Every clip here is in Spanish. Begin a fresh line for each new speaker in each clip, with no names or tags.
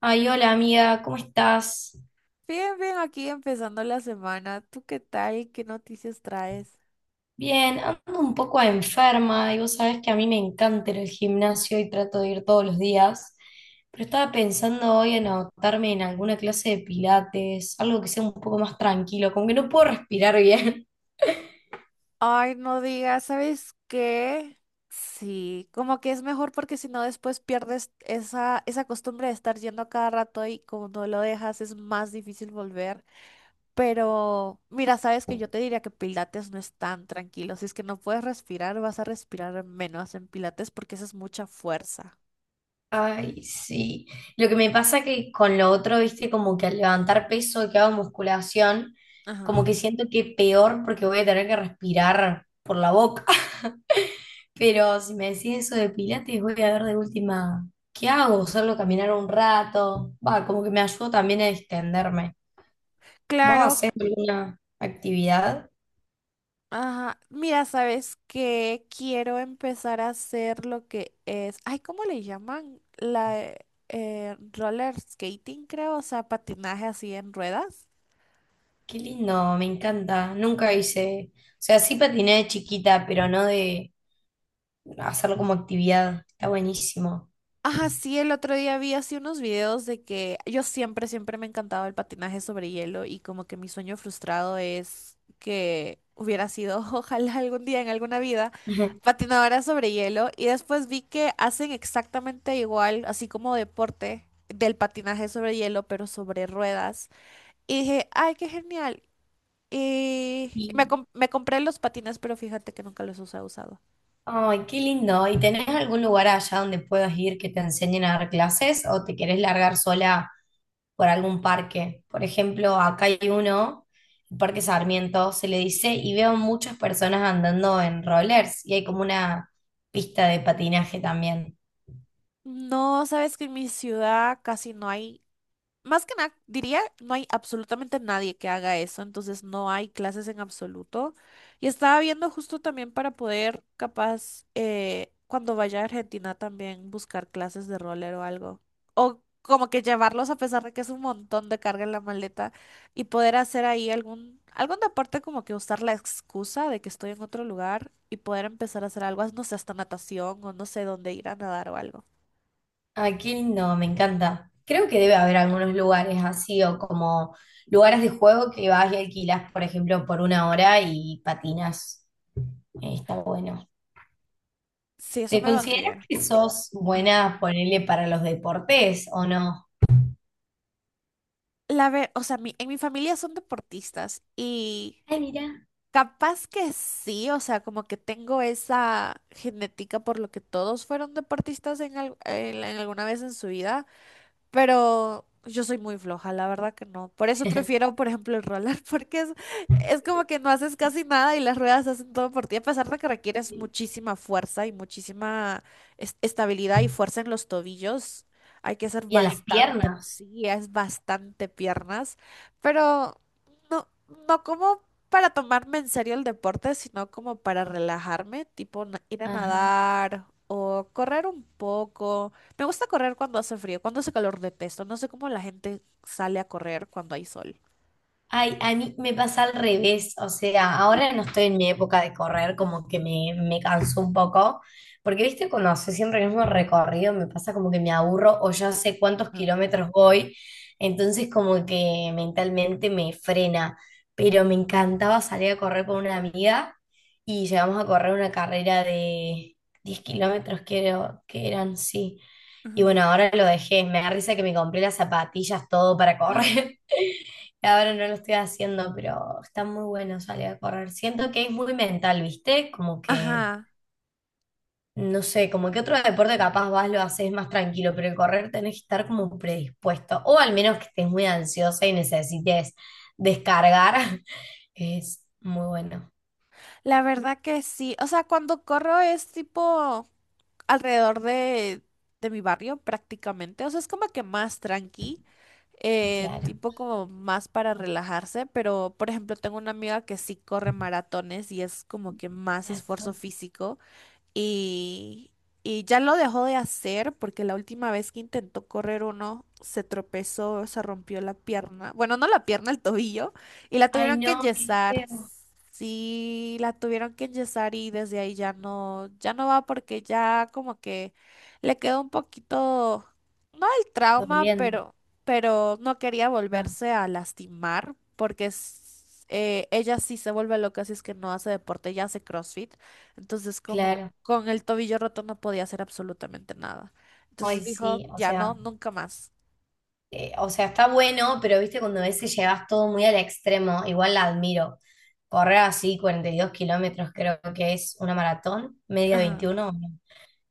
Ay, hola amiga, ¿cómo estás?
Bien, bien, aquí empezando la semana. ¿Tú qué tal? ¿Qué noticias traes?
Bien, ando un poco enferma y vos sabés que a mí me encanta ir al gimnasio y trato de ir todos los días, pero estaba pensando hoy en anotarme en alguna clase de pilates, algo que sea un poco más tranquilo, como que no puedo respirar bien.
Ay, no digas, ¿sabes qué? Sí, como que es mejor porque si no después pierdes esa costumbre de estar yendo a cada rato y como no lo dejas es más difícil volver. Pero mira, sabes que yo te diría que Pilates no es tan tranquilo. Si es que no puedes respirar, vas a respirar menos en Pilates porque esa es mucha fuerza.
Ay, sí. Lo que me pasa que con lo otro, viste, como que al levantar peso que hago musculación,
Ajá.
como que siento que peor porque voy a tener que respirar por la boca. Pero si me decís eso de Pilates, voy a ver de última, ¿qué hago? Solo caminar un rato. Va, como que me ayudó también a extenderme. ¿Vos
Claro.
hacés alguna actividad?
Ajá, mira, sabes que quiero empezar a hacer lo que es, ay, ¿cómo le llaman? La Roller skating, creo, o sea, patinaje así en ruedas.
Qué lindo, me encanta. Nunca hice, o sea, sí patiné de chiquita, pero no de hacerlo como actividad. Está buenísimo.
Ajá, sí, el otro día vi así unos videos de que yo siempre, siempre me encantaba el patinaje sobre hielo y como que mi sueño frustrado es que hubiera sido, ojalá algún día en alguna vida, patinadora sobre hielo, y después vi que hacen exactamente igual, así como deporte del patinaje sobre hielo, pero sobre ruedas. Y dije, ay, qué genial. Y
Y,
me compré los patines, pero fíjate que nunca los he usado.
ay, qué lindo. ¿Y tenés algún lugar allá donde puedas ir que te enseñen a dar clases o te querés largar sola por algún parque? Por ejemplo, acá hay uno, el Parque Sarmiento, se le dice, y veo muchas personas andando en rollers y hay como una pista de patinaje también.
No, sabes que en mi ciudad casi no hay. Más que nada, diría, no hay absolutamente nadie que haga eso, entonces no hay clases en absoluto. Y estaba viendo justo también para poder, capaz, cuando vaya a Argentina, también buscar clases de roller o algo. O como que llevarlos, a pesar de que es un montón de carga en la maleta, y poder hacer ahí algún deporte, como que usar la excusa de que estoy en otro lugar y poder empezar a hacer algo, no sé, hasta natación o no sé dónde ir a nadar o algo.
Ay, qué lindo, me encanta. Creo que debe haber algunos lugares así o como lugares de juego que vas y alquilas, por ejemplo, por una hora y patinas. Está bueno.
Sí, eso
¿Te
me
consideras
vendría.
que sos buena, ponele, para los deportes o no?
O sea, en mi familia son deportistas, y
Ay, mira.
capaz que sí, o sea, como que tengo esa genética por lo que todos fueron deportistas en alguna vez en su vida. Pero yo soy muy floja, la verdad que no. Por eso prefiero, por ejemplo, el roller, porque es como que no haces casi nada y las ruedas hacen todo por ti, a pesar de que requieres muchísima fuerza y muchísima estabilidad y fuerza en los tobillos. Hay que hacer
Y en las
bastante,
piernas.
sí, es bastante piernas, pero no, no como para tomarme en serio el deporte, sino como para relajarme, tipo ir a
Ajá.
nadar o correr un poco. Me gusta correr cuando hace frío, cuando hace calor detesto. No sé cómo la gente sale a correr cuando hay sol.
Ay, a mí me pasa al revés, o sea, ahora no estoy en mi época de correr, como que me canso un poco, porque viste, cuando hace siempre el mismo recorrido, me pasa como que me aburro o ya sé cuántos
Ajá.
kilómetros voy, entonces como que mentalmente me frena, pero me encantaba salir a correr con una amiga y llegamos a correr una carrera de 10 kilómetros, creo que eran, sí. Y
Ujú.
bueno, ahora lo dejé, me da risa que me compré las zapatillas, todo para correr. Ahora no lo estoy haciendo, pero está muy bueno salir a correr. Siento que es muy mental, ¿viste? Como que,
Ajá,
no sé, como que otro deporte capaz vas, lo haces más tranquilo, pero el correr tenés que estar como predispuesto, o al menos que estés muy ansiosa y necesites descargar. Es muy bueno,
la verdad que sí. O sea, cuando corro es tipo alrededor de mi barrio prácticamente. O sea, es como que más tranqui,
claro.
tipo como más para relajarse. Pero, por ejemplo, tengo una amiga que sí corre maratones y es como que más esfuerzo
Maratón.
físico. y, y ya lo dejó de hacer porque la última vez que intentó correr uno se tropezó, se rompió la pierna, bueno, no la pierna, el tobillo, y la
Ay,
tuvieron que
no, qué
enyesar.
feo.
Sí, la tuvieron que enyesar, y desde ahí ya no, ya no va porque ya como que le quedó un poquito, no el trauma,
Doliendo.
pero no quería
Ah,
volverse a lastimar porque ella sí se vuelve loca si es que no hace deporte, ya hace CrossFit. Entonces, como
claro.
con el tobillo roto no podía hacer absolutamente nada.
Ay,
Entonces dijo,
sí, o
ya no,
sea,
nunca más.
o sea, está bueno, pero viste, cuando a veces llevas todo muy al extremo, igual la admiro. Correr así 42 kilómetros creo que es una maratón, media
Ajá,
21,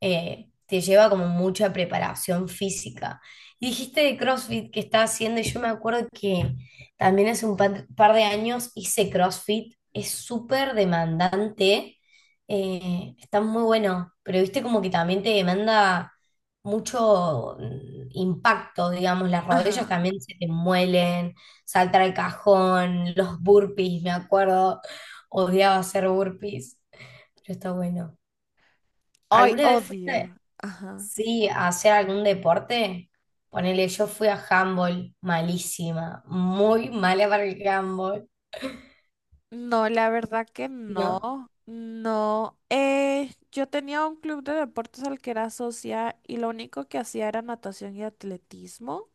te lleva como mucha preparación física. Y dijiste de CrossFit que estás haciendo, y yo me acuerdo que también hace un par de años hice CrossFit, es súper demandante, está muy bueno, pero viste como que también te demanda mucho impacto, digamos, las rodillas
ajá.
también se te muelen, saltar al cajón, los burpees, me acuerdo, odiaba hacer burpees, pero está bueno.
Ay,
¿Alguna vez fuiste?
odio. Ajá.
Sí, hacer algún deporte. Ponele, yo fui a handball, malísima, muy mala para el handball,
No, la verdad que
¿no?
no. No. Yo tenía un club de deportes al que era socia y lo único que hacía era natación y atletismo.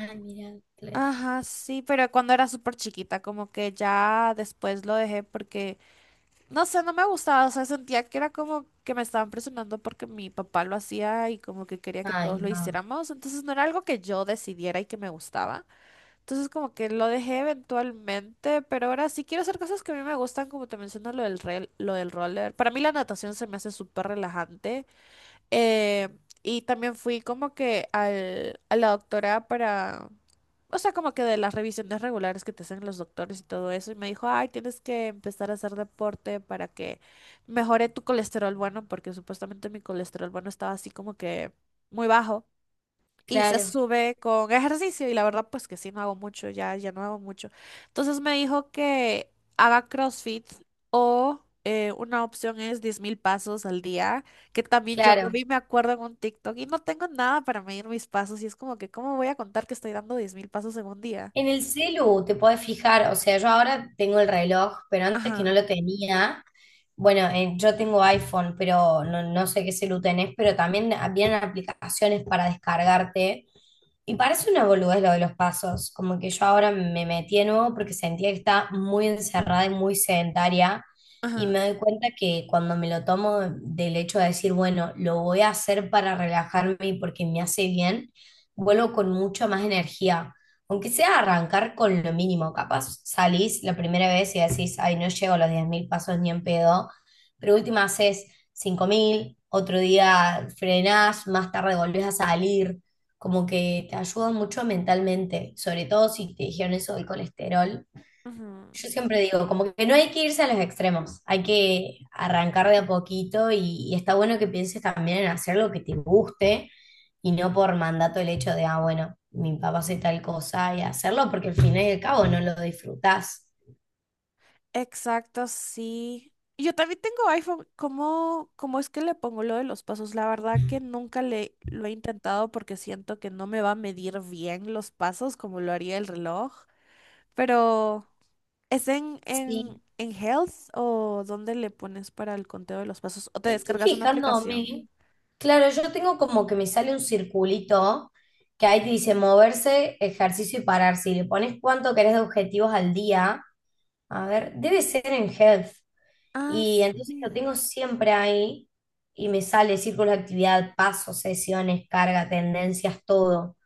Ah, mira, atletismo.
Ajá, sí, pero cuando era súper chiquita, como que ya después lo dejé porque no sé, no me gustaba, o sea, sentía que era como que me estaban presionando porque mi papá lo hacía y como que quería que todos
Ay,
lo
no.
hiciéramos, entonces no era algo que yo decidiera y que me gustaba. Entonces como que lo dejé eventualmente, pero ahora sí quiero hacer cosas que a mí me gustan, como te menciono lo del roller. Para mí la natación se me hace súper relajante. Eh, y también fui como que a la doctora para, o sea, como que de las revisiones regulares que te hacen los doctores y todo eso. Y me dijo, ay, tienes que empezar a hacer deporte para que mejore tu colesterol bueno, porque supuestamente mi colesterol bueno estaba así como que muy bajo, y se
Claro,
sube con ejercicio, y la verdad pues que sí, no hago mucho, ya, ya no hago mucho. Entonces me dijo que haga CrossFit o una opción es 10.000 pasos al día, que también yo lo
claro.
vi, me acuerdo, en un TikTok, y no tengo nada para medir mis pasos y es como que, ¿cómo voy a contar que estoy dando 10.000 pasos en un día?
En el celu te podés fijar, o sea, yo ahora tengo el reloj, pero antes que
Ajá,
no lo tenía. Bueno, yo tengo iPhone, pero no sé qué celu tenés, pero también vienen aplicaciones para descargarte. Y parece una boludez lo de los pasos, como que yo ahora me metí de nuevo porque sentía que estaba muy encerrada y muy sedentaria y
ajá.
me doy cuenta que cuando me lo tomo del hecho de decir, bueno, lo voy a hacer para relajarme y porque me hace bien, vuelvo con mucha más energía, aunque sea arrancar con lo mínimo, capaz salís la primera vez y decís, ay, no llego a los 10.000 pasos ni en pedo, pero última haces 5.000 otro día frenás, más tarde volvés a salir, como que te ayuda mucho mentalmente, sobre todo si te dijeron eso del colesterol.
Ujú.
Yo siempre digo, como que no hay que irse a los extremos, hay que arrancar de a poquito y está bueno que pienses también en hacer lo que te guste y no por mandato el hecho de, ah, bueno, mi papá hace tal cosa y hacerlo, porque al fin y al cabo no lo disfrutás.
Exacto, sí. Yo también tengo iPhone. ¿Cómo, cómo es que le pongo lo de los pasos? La verdad que nunca le lo he intentado porque siento que no me va a medir bien los pasos como lo haría el reloj. Pero, ¿es
Sí,
en Health o dónde le pones para el conteo de los pasos? ¿O te
estoy
descargas una aplicación?
fijándome. Claro, yo tengo como que me sale un circulito que ahí te dice moverse, ejercicio y pararse. Y le pones cuánto querés de objetivos al día. A ver, debe ser en health.
Ah,
Y entonces lo
sí.
tengo siempre ahí y me sale círculo de actividad, pasos, sesiones, carga, tendencias, todo.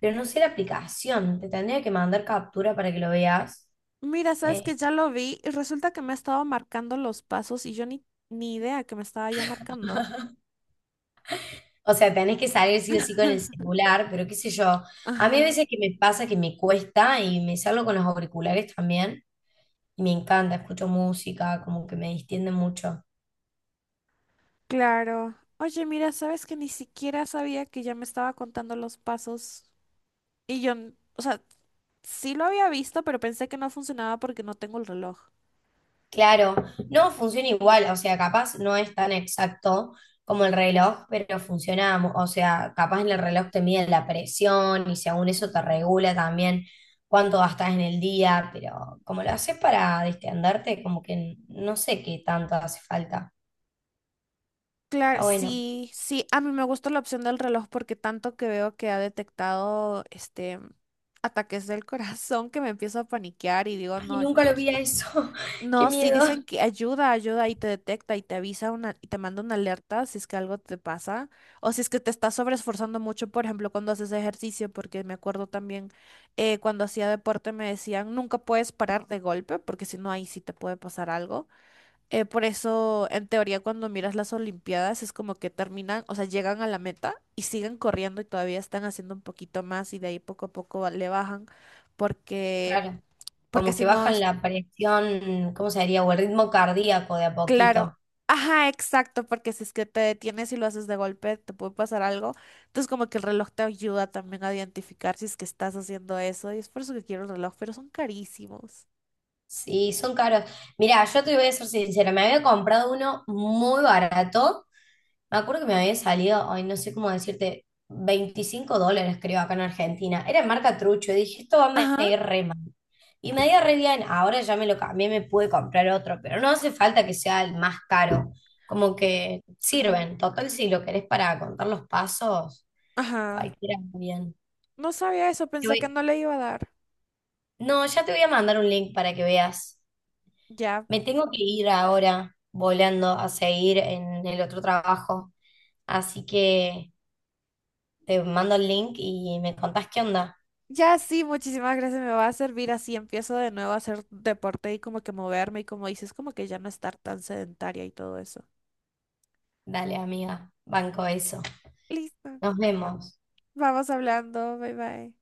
Pero no sé la aplicación. Te tendría que mandar captura para que lo veas.
Mira, sabes
Eh,
que ya lo vi y resulta que me ha estado marcando los pasos y yo ni idea que me estaba ya marcando.
O sea, tenés que salir sí o sí con el celular, pero qué sé yo. A mí a
Ajá.
veces que me pasa que me cuesta y me salgo con los auriculares también y me encanta, escucho música, como que me distiende mucho.
Claro. Oye, mira, sabes que ni siquiera sabía que ya me estaba contando los pasos. Y yo, o sea, sí lo había visto, pero pensé que no funcionaba porque no tengo el reloj.
Claro, no funciona igual, o sea, capaz no es tan exacto como el reloj, pero funciona, mu- o sea, capaz en el reloj
Ujú,
te mide la presión y según eso te
ujú.
regula también cuánto gastas en el día, pero como lo haces para distenderte, como que no sé qué tanto hace falta.
Claro,
Está bueno.
sí, sí, a mí me gusta la opción del reloj porque tanto que veo que ha detectado este ataques del corazón que me empiezo a paniquear y digo,
Y
no.
nunca lo vi a eso. Qué
No, sí
miedo.
dicen que ayuda, ayuda y te detecta y te avisa y te manda una alerta si es que algo te pasa o si es que te estás sobreesforzando mucho, por ejemplo, cuando haces ejercicio, porque me acuerdo también, cuando hacía deporte me decían, nunca puedes parar de golpe porque si no ahí sí te puede pasar algo. Por eso, en teoría, cuando miras las Olimpiadas es como que terminan, o sea, llegan a la meta y siguen corriendo y todavía están haciendo un poquito más y de ahí poco a poco le bajan porque...
Claro,
Porque
como que
si no...
bajan la presión, ¿cómo se diría? O el ritmo cardíaco de a
Claro.
poquito.
Ajá, exacto, porque si es que te detienes y lo haces de golpe, te puede pasar algo. Entonces, como que el reloj te ayuda también a identificar si es que estás haciendo eso. Y es por eso que quiero el reloj, pero son carísimos.
Sí, son caros. Mira, yo te voy a ser sincera, me había comprado uno muy barato. Me acuerdo que me había salido, ay, no sé cómo decirte, 25 dólares creo acá en Argentina. Era marca Trucho, y dije, esto va a
Ajá,
ir re mal. Y me dio re bien, ahora ya me lo cambié, me pude comprar otro, pero no hace falta que sea el más caro. Como que
ajá,
sirven, total, si lo querés para contar los pasos,
ajá.
cualquiera está bien.
No sabía eso,
Te
pensé que
voy-
no le iba a dar.
no, ya te voy a mandar un link para que veas.
Ya,
Me tengo que ir ahora volando a seguir en el otro trabajo. Así que te mando el link y me contás qué onda.
ya sí, muchísimas gracias, me va a servir así. Empiezo de nuevo a hacer deporte y como que moverme y como dices, como que ya no estar tan sedentaria y todo eso.
Dale, amiga, banco eso.
Listo,
Nos vemos.
vamos hablando, bye bye.